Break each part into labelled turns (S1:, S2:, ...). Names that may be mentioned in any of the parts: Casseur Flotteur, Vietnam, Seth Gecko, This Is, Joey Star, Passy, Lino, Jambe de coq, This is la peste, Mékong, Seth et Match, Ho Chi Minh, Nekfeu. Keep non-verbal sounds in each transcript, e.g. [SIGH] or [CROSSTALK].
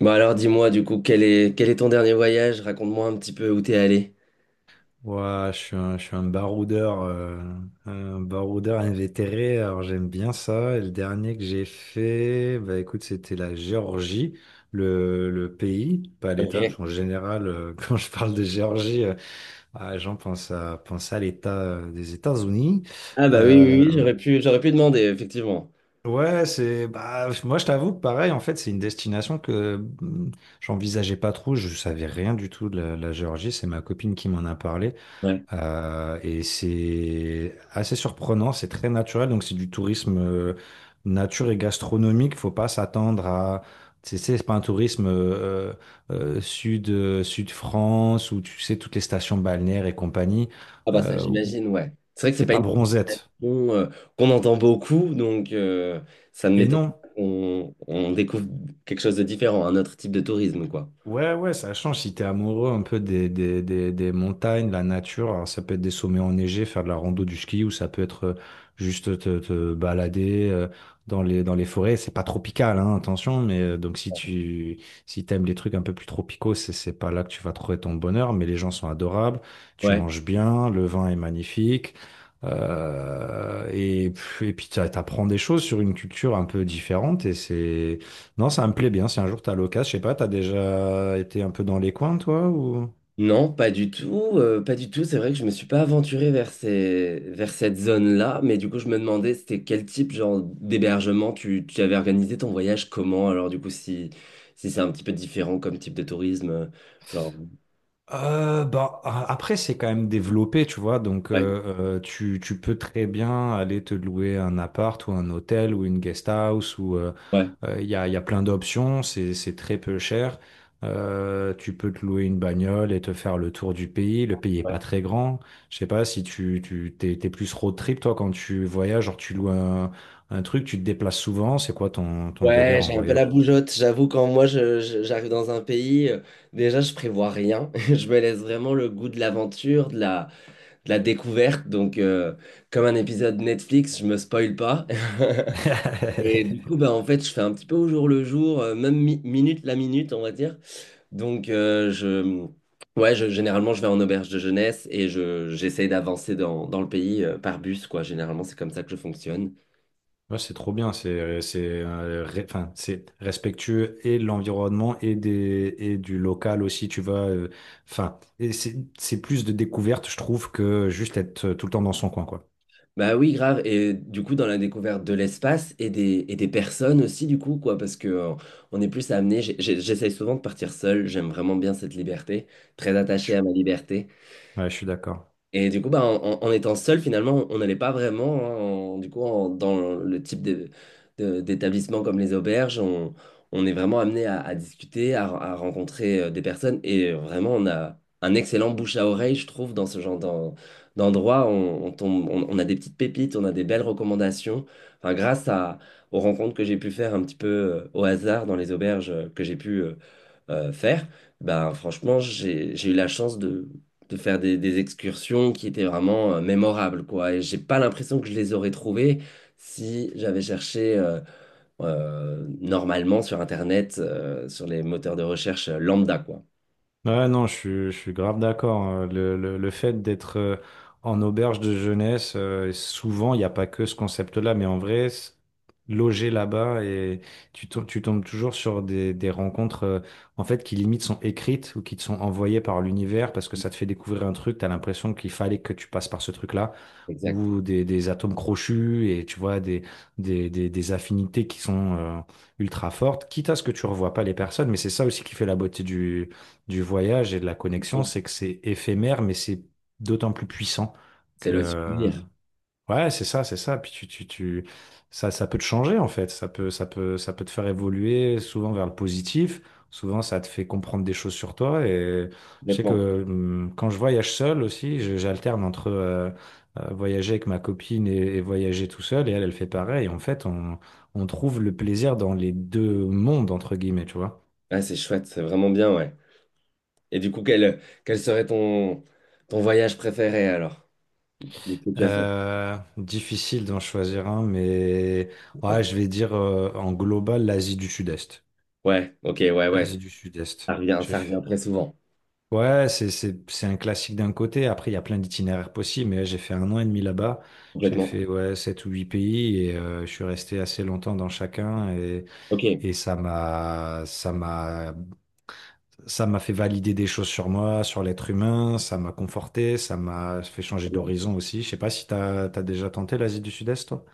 S1: Bon alors dis-moi du coup quel est ton dernier voyage? Raconte-moi un petit peu où t'es allé.
S2: Ouais, je suis un baroudeur, un baroudeur invétéré, alors j'aime bien ça. Et le dernier que j'ai fait, bah écoute, c'était la Géorgie, le pays, pas l'État, parce qu'en
S1: Ok.
S2: général, [LAUGHS] quand je parle de Géorgie, ah, les gens pensent à l'État des États-Unis.
S1: Ah bah oui
S2: Euh,
S1: oui oui j'aurais pu demander effectivement.
S2: ouais, c'est, bah, moi je t'avoue que pareil, en fait, c'est une destination que hum, j'envisageais pas trop, je savais rien du tout de la Géorgie, c'est ma copine qui m'en a parlé.
S1: Ouais.
S2: Et c'est assez surprenant, c'est très naturel, donc c'est du tourisme nature et gastronomique. Faut pas s'attendre à, tu sais, c'est pas un tourisme sud France où tu sais toutes les stations balnéaires et compagnie.
S1: Ah bah ça
S2: Où
S1: j'imagine, ouais. C'est vrai que c'est
S2: c'est
S1: pas
S2: pas
S1: une
S2: bronzette.
S1: question, qu'on entend beaucoup donc, ça ne
S2: Et
S1: m'étonne
S2: non.
S1: pas qu'on on découvre quelque chose de différent, un autre type de tourisme quoi.
S2: Ouais, ouais, ça change si t'es amoureux un peu des montagnes, de la nature. Alors, ça peut être des sommets enneigés, faire de la rando, du ski, ou ça peut être juste te balader dans les forêts. C'est pas tropical, hein, attention, mais donc si t'aimes les trucs un peu plus tropicaux, c'est pas là que tu vas trouver ton bonheur, mais les gens sont adorables, tu
S1: Ouais.
S2: manges bien, le vin est magnifique. euh, et, et puis t'apprends des choses sur une culture un peu différente, et c'est non, ça me plaît bien. Si un jour t'as l'occasion, je sais pas, t'as déjà été un peu dans les coins, toi, ou?
S1: Non, pas du tout, pas du tout. C'est vrai que je me suis pas aventuré vers ces, vers cette zone-là, mais du coup, je me demandais c'était quel type genre d'hébergement tu avais organisé ton voyage, comment? Alors du coup, si c'est un petit peu différent comme type de tourisme, genre,
S2: Bah, après, c'est quand même développé, tu vois. Donc,
S1: ouais,
S2: tu peux très bien aller te louer un appart ou un hôtel ou une guest house ou
S1: ouais,
S2: il y a plein d'options. C'est très peu cher. Tu peux te louer une bagnole et te faire le tour du pays. Le pays est
S1: ouais.
S2: pas très grand. Je sais pas si tu t'es plus road trip, toi, quand tu voyages, genre tu loues un truc, tu te déplaces souvent. C'est quoi ton
S1: Ouais,
S2: délire en
S1: j'ai un peu la
S2: voyage?
S1: bougeotte. J'avoue, quand moi j'arrive dans un pays, déjà je prévois rien. [LAUGHS] Je me laisse vraiment le goût de l'aventure, de la découverte. Donc, comme un épisode Netflix, je me spoil pas. [LAUGHS] Et du
S2: [LAUGHS]
S1: coup, bah, en fait, je fais un petit peu au jour le jour, même minute la minute, on va dire. Donc, ouais, généralement, je vais en auberge de jeunesse et j'essaye d'avancer dans le pays, par bus, quoi. Généralement, c'est comme ça que je fonctionne.
S2: Ouais, c'est trop bien, enfin, c'est respectueux et de l'environnement et du local aussi, tu vois. Enfin, et c'est plus de découverte, je trouve, que juste être tout le temps dans son coin, quoi.
S1: Bah oui, grave. Et du coup, dans la découverte de l'espace et des personnes aussi, du coup, quoi, parce que, on est plus amené. J'essaye souvent de partir seul. J'aime vraiment bien cette liberté, très
S2: Je,
S1: attaché
S2: suis-
S1: à ma liberté.
S2: ouais, je suis d'accord.
S1: Et du coup, bah, en étant seul, finalement, on n'allait pas vraiment, hein, dans le type d'établissement comme les auberges, on est vraiment amené à discuter, à rencontrer, des personnes. Et, vraiment, on a un excellent bouche à oreille, je trouve, dans ce genre d'endroit. On tombe, on a des petites pépites, on a des belles recommandations. Enfin, grâce à, aux rencontres que j'ai pu faire un petit peu, au hasard dans les auberges, que j'ai pu faire, ben franchement, j'ai eu la chance de faire des excursions qui étaient vraiment, mémorables, quoi. Et j'ai pas l'impression que je les aurais trouvées si j'avais cherché normalement sur Internet, sur les moteurs de recherche, lambda, quoi.
S2: Ouais, non, je suis grave d'accord, hein. Le fait d'être en auberge de jeunesse, et souvent, il n'y a pas que ce concept-là, mais en vrai, loger là-bas et tu tombes toujours sur des rencontres en fait qui limite sont écrites ou qui te sont envoyées par l'univers parce que ça te fait découvrir un truc, tu as l'impression qu'il fallait que tu passes par ce truc-là,
S1: Exact.
S2: ou des atomes crochus et tu vois, des affinités qui sont ultra fortes, quitte à ce que tu revois pas les personnes, mais c'est ça aussi qui fait la beauté du voyage et de la connexion,
S1: Bon,
S2: c'est que c'est éphémère, mais c'est d'autant plus puissant
S1: c'est le
S2: que.
S1: souvenir,
S2: Ouais, c'est ça, c'est ça. Puis ça peut te changer en fait. Ça peut te faire évoluer souvent vers le positif. Souvent, ça te fait comprendre des choses sur toi. Et je sais
S1: complètement.
S2: que quand je voyage seul aussi, j'alterne entre voyager avec ma copine et voyager tout seul. Et elle, elle fait pareil. En fait, on trouve le plaisir dans les deux mondes entre guillemets, tu vois.
S1: Ah c'est chouette, c'est vraiment bien, ouais. Et du coup, quel serait ton voyage préféré alors? Que tu as fait?
S2: Difficile d'en choisir un, mais ouais, je vais dire en global l'Asie du Sud-Est.
S1: Ouais, ok, ouais, ouais, ça
S2: L'Asie du Sud-Est.
S1: revient,
S2: J'ai
S1: ça revient
S2: fait-
S1: très souvent,
S2: Ouais, c'est un classique d'un côté. Après, il y a plein d'itinéraires possibles, mais j'ai fait un an et demi là-bas. J'ai
S1: complètement.
S2: fait, ouais, sept ou huit pays et je suis resté assez longtemps dans chacun, et
S1: Ok.
S2: et ça m'a fait valider des choses sur moi, sur l'être humain. Ça m'a conforté, ça m'a fait changer
S1: Bien.
S2: d'horizon aussi. Je sais pas si t'as déjà tenté l'Asie du Sud-Est, toi.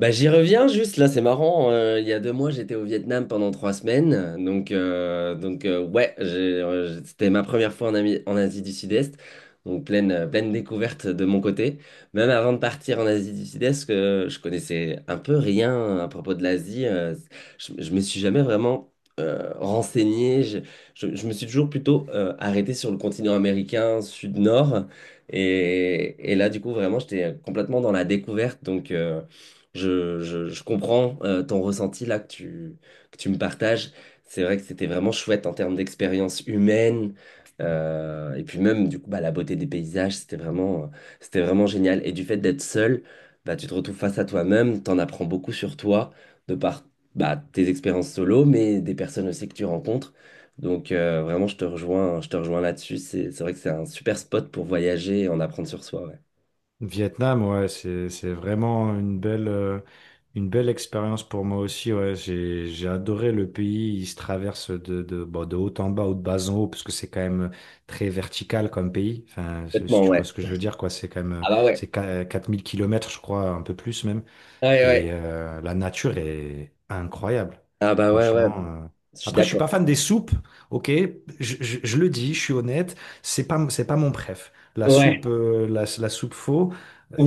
S1: Bah, j'y reviens juste, là c'est marrant, il y a 2 mois j'étais au Vietnam pendant 3 semaines, ouais, c'était ma première fois en, en Asie du Sud-Est, donc pleine découverte de mon côté, même avant de partir en Asie du Sud-Est, que je connaissais un peu rien à propos de l'Asie, je me suis jamais vraiment, renseigné. Je me suis toujours plutôt, arrêté sur le continent américain sud-nord. Et là, du coup, vraiment, j'étais complètement dans la découverte. Donc, je comprends ton ressenti là que tu me partages. C'est vrai que c'était vraiment chouette en termes d'expérience humaine. Et puis même, du coup, bah, la beauté des paysages, c'était vraiment génial. Et du fait d'être seul, bah, tu te retrouves face à toi-même, t'en apprends beaucoup sur toi de par bah, tes expériences solo, mais des personnes aussi que tu rencontres. Donc, vraiment, je te rejoins là-dessus. C'est vrai que c'est un super spot pour voyager et en apprendre sur soi. Ouais.
S2: Vietnam, ouais, c'est vraiment une belle expérience pour moi aussi. Ouais, j'ai adoré le pays. Il se traverse de bon, de haut en bas ou de bas en haut parce que c'est quand même très vertical comme pays. Enfin, si
S1: Complètement,
S2: tu vois
S1: ouais.
S2: ce que je veux dire, quoi. C'est quand même
S1: Ah bah ouais.
S2: 4 000 km, je crois, un peu plus même.
S1: Ouais, ouais.
S2: Et la nature est incroyable,
S1: Ah bah ouais, ouais.
S2: franchement.
S1: Je suis
S2: Après, je suis
S1: d'accord.
S2: pas fan des soupes, ok, je le dis, je suis honnête, c'est pas mon préf. La
S1: Ouais.
S2: soupe, euh, la, la soupe faux,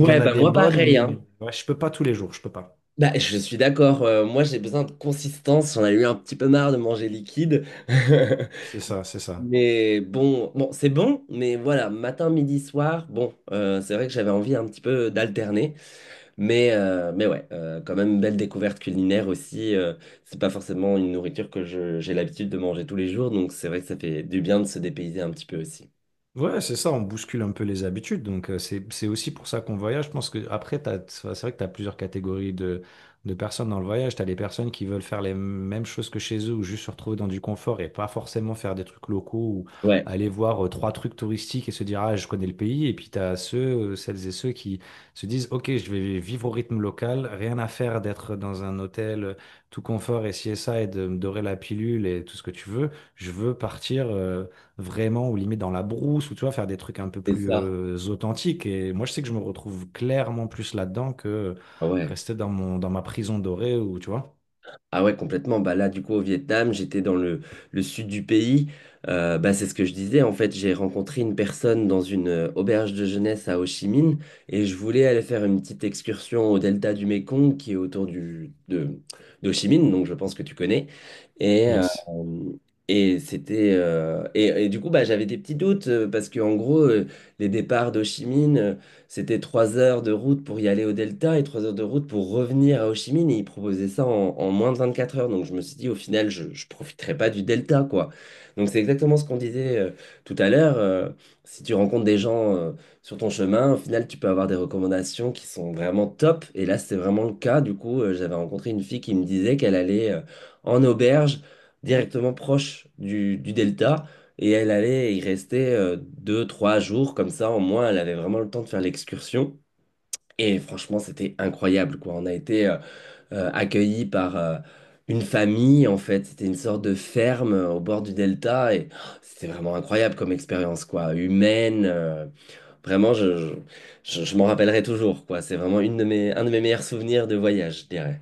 S2: il y en a
S1: bah
S2: des
S1: moi
S2: bonnes,
S1: pareil, hein.
S2: mais ouais, je peux pas tous les jours, je peux pas.
S1: Bah, je suis d'accord. Moi, j'ai besoin de consistance. J'en ai eu un petit peu marre de manger liquide. [LAUGHS]
S2: C'est ça, c'est ça.
S1: Mais bon, bon, c'est bon, mais voilà, matin, midi, soir, bon, c'est vrai que j'avais envie un petit peu d'alterner. Mais ouais, quand même, belle découverte culinaire aussi. C'est pas forcément une nourriture que j'ai l'habitude de manger tous les jours, donc c'est vrai que ça fait du bien de se dépayser un petit peu aussi.
S2: Ouais, c'est ça, on bouscule un peu les habitudes. Donc, c'est aussi pour ça qu'on voyage. Je pense que après, c'est vrai que tu as plusieurs catégories de personnes dans le voyage. Tu as les personnes qui veulent faire les mêmes choses que chez eux ou juste se retrouver dans du confort et pas forcément faire des trucs locaux ou
S1: Ouais,
S2: aller voir trois trucs touristiques et se dire, ah, je connais le pays. Et puis, tu as celles et ceux qui se disent, OK, je vais vivre au rythme local, rien à faire d'être dans un hôtel tout confort et ci et ça et de me dorer la pilule et tout ce que tu veux. Je veux partir. Vraiment ou limite dans la brousse ou tu vois faire des trucs un peu
S1: c'est
S2: plus
S1: ça.
S2: authentiques, et moi je sais que je me retrouve clairement plus là-dedans que
S1: Ah ouais.
S2: rester dans ma prison dorée ou tu vois,
S1: Ah ouais, complètement. Bah là, du coup, au Vietnam, j'étais dans le sud du pays. Bah, c'est ce que je disais. En fait, j'ai rencontré une personne dans une auberge de jeunesse à Ho Chi Minh et je voulais aller faire une petite excursion au delta du Mékong qui est autour d'Ho Chi Minh, donc je pense que tu connais. Et, euh,
S2: yes.
S1: et c'était et du coup bah, j'avais des petits doutes, parce que en gros, les départs d'Ho Chi Minh, c'était trois heures de route pour y aller au Delta et 3 heures de route pour revenir à Ho Chi Minh. Et ils proposaient ça en moins de 24 heures. Donc je me suis dit, au final, je ne profiterai pas du Delta, quoi. Donc c'est exactement ce qu'on disait tout à l'heure. Si tu rencontres des gens sur ton chemin, au final, tu peux avoir des recommandations qui sont vraiment top. Et là, c'est vraiment le cas. Du coup, j'avais rencontré une fille qui me disait qu'elle allait en auberge directement proche du delta et elle allait, il restait deux, trois jours comme ça, au moins, elle avait vraiment le temps de faire l'excursion. Et franchement, c'était incroyable, quoi. On a été accueillis par une famille, en fait. C'était une sorte de ferme, au bord du delta. Et oh, c'était vraiment incroyable comme expérience, quoi. Humaine. Vraiment, je m'en rappellerai toujours, quoi. C'est vraiment une de mes, un de mes meilleurs souvenirs de voyage, je dirais.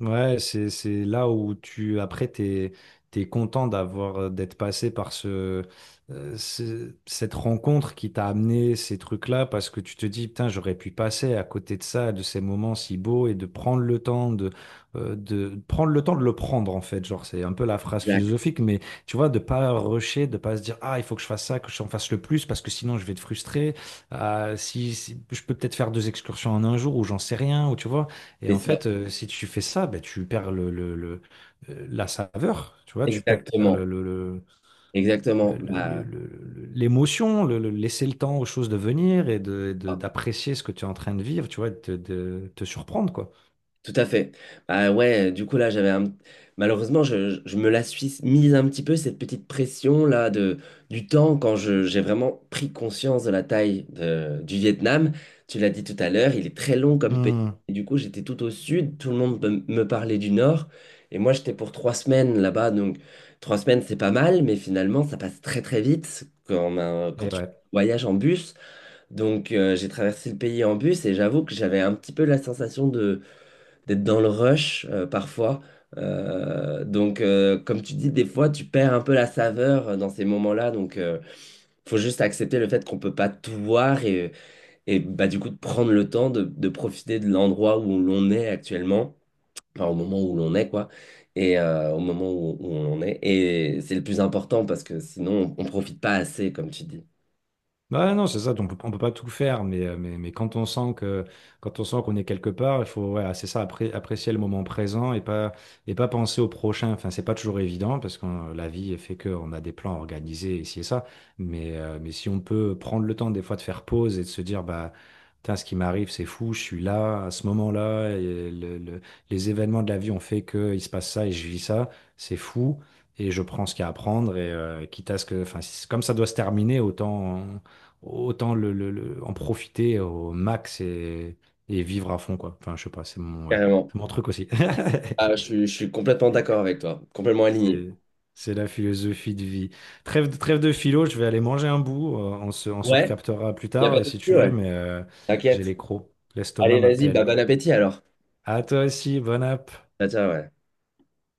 S2: Ouais, c'est là où tu, après, t'es content d'être passé par cette rencontre qui t'a amené ces trucs-là parce que tu te dis, putain, j'aurais pu passer à côté de ça, de ces moments si beaux, et de prendre le temps de prendre le temps de le prendre, en fait. Genre, c'est un peu la phrase
S1: Exact.
S2: philosophique, mais tu vois, de pas rusher, de pas se dire, ah, il faut que je fasse ça, que j'en fasse le plus parce que sinon je vais te frustrer. Ah, je peux peut-être faire deux excursions en un jour ou j'en sais rien, ou tu vois. Et
S1: C'est
S2: en
S1: ça.
S2: fait, si tu fais ça, ben, tu perds la saveur, tu vois, tu perds
S1: Exactement.
S2: le, le- le-
S1: Exactement.
S2: le- le- le-
S1: Bah,
S2: le- l'émotion, laisser le temps aux choses de venir et d'apprécier ce que tu es en train de vivre, tu vois, et de te surprendre, quoi.
S1: tout à fait. Bah ouais, du coup là j'avais un. Malheureusement je me la suis mise un petit peu cette petite pression là de du temps quand je j'ai vraiment pris conscience de la taille du Vietnam. Tu l'as dit tout à l'heure, il est très long comme pays.
S2: Hmm.
S1: Et du coup j'étais tout au sud, tout le monde me parlait du nord et moi j'étais pour 3 semaines là-bas, donc 3 semaines c'est pas mal mais finalement ça passe très très vite quand quand
S2: Et
S1: tu
S2: ouais.
S1: voyages en bus. Donc, j'ai traversé le pays en bus et j'avoue que j'avais un petit peu la sensation d'être dans le rush, parfois. Donc, comme tu dis, des fois, tu perds un peu la saveur dans ces moments-là. Donc, faut juste accepter le fait qu'on peut pas tout voir et bah, du coup, de prendre le temps de profiter de l'endroit où l'on est actuellement, enfin, au moment où l'on est, quoi, et au moment où on en est. Et c'est le plus important parce que sinon, on profite pas assez, comme tu dis.
S2: Ouais, non, c'est ça, on peut pas tout faire, mais quand on sent qu'on est quelque part, il faut, voilà, c'est ça, apprécier le moment présent et pas penser au prochain. Enfin, c'est pas toujours évident parce que la vie fait qu'on a des plans organisés ici et ça, mais si on peut prendre le temps des fois de faire pause et de se dire, bah, putain, ce qui m'arrive, c'est fou, je suis là, à ce moment-là, et les événements de la vie ont fait que il se passe ça et je vis ça, c'est fou. Et je prends ce qu'il y a à prendre et quitte à ce que, enfin, comme ça doit se terminer, autant en profiter au max, et vivre à fond, quoi. Enfin, je sais pas, c'est mon, ouais,
S1: Carrément.
S2: c'est mon truc aussi.
S1: Ah, je,
S2: [LAUGHS]
S1: suis je suis complètement d'accord avec toi, complètement aligné.
S2: C'est, c'est la philosophie de vie. Trêve de philo, je vais aller manger un bout. On se
S1: Ouais,
S2: recaptera plus
S1: y a
S2: tard
S1: pas de
S2: si
S1: souci,
S2: tu veux,
S1: ouais.
S2: mais j'ai
S1: T'inquiète.
S2: les crocs. L'estomac
S1: Allez, vas-y, bah,
S2: m'appelle.
S1: bon appétit alors.
S2: À toi aussi, bonne app.
S1: Ah, ça, ouais.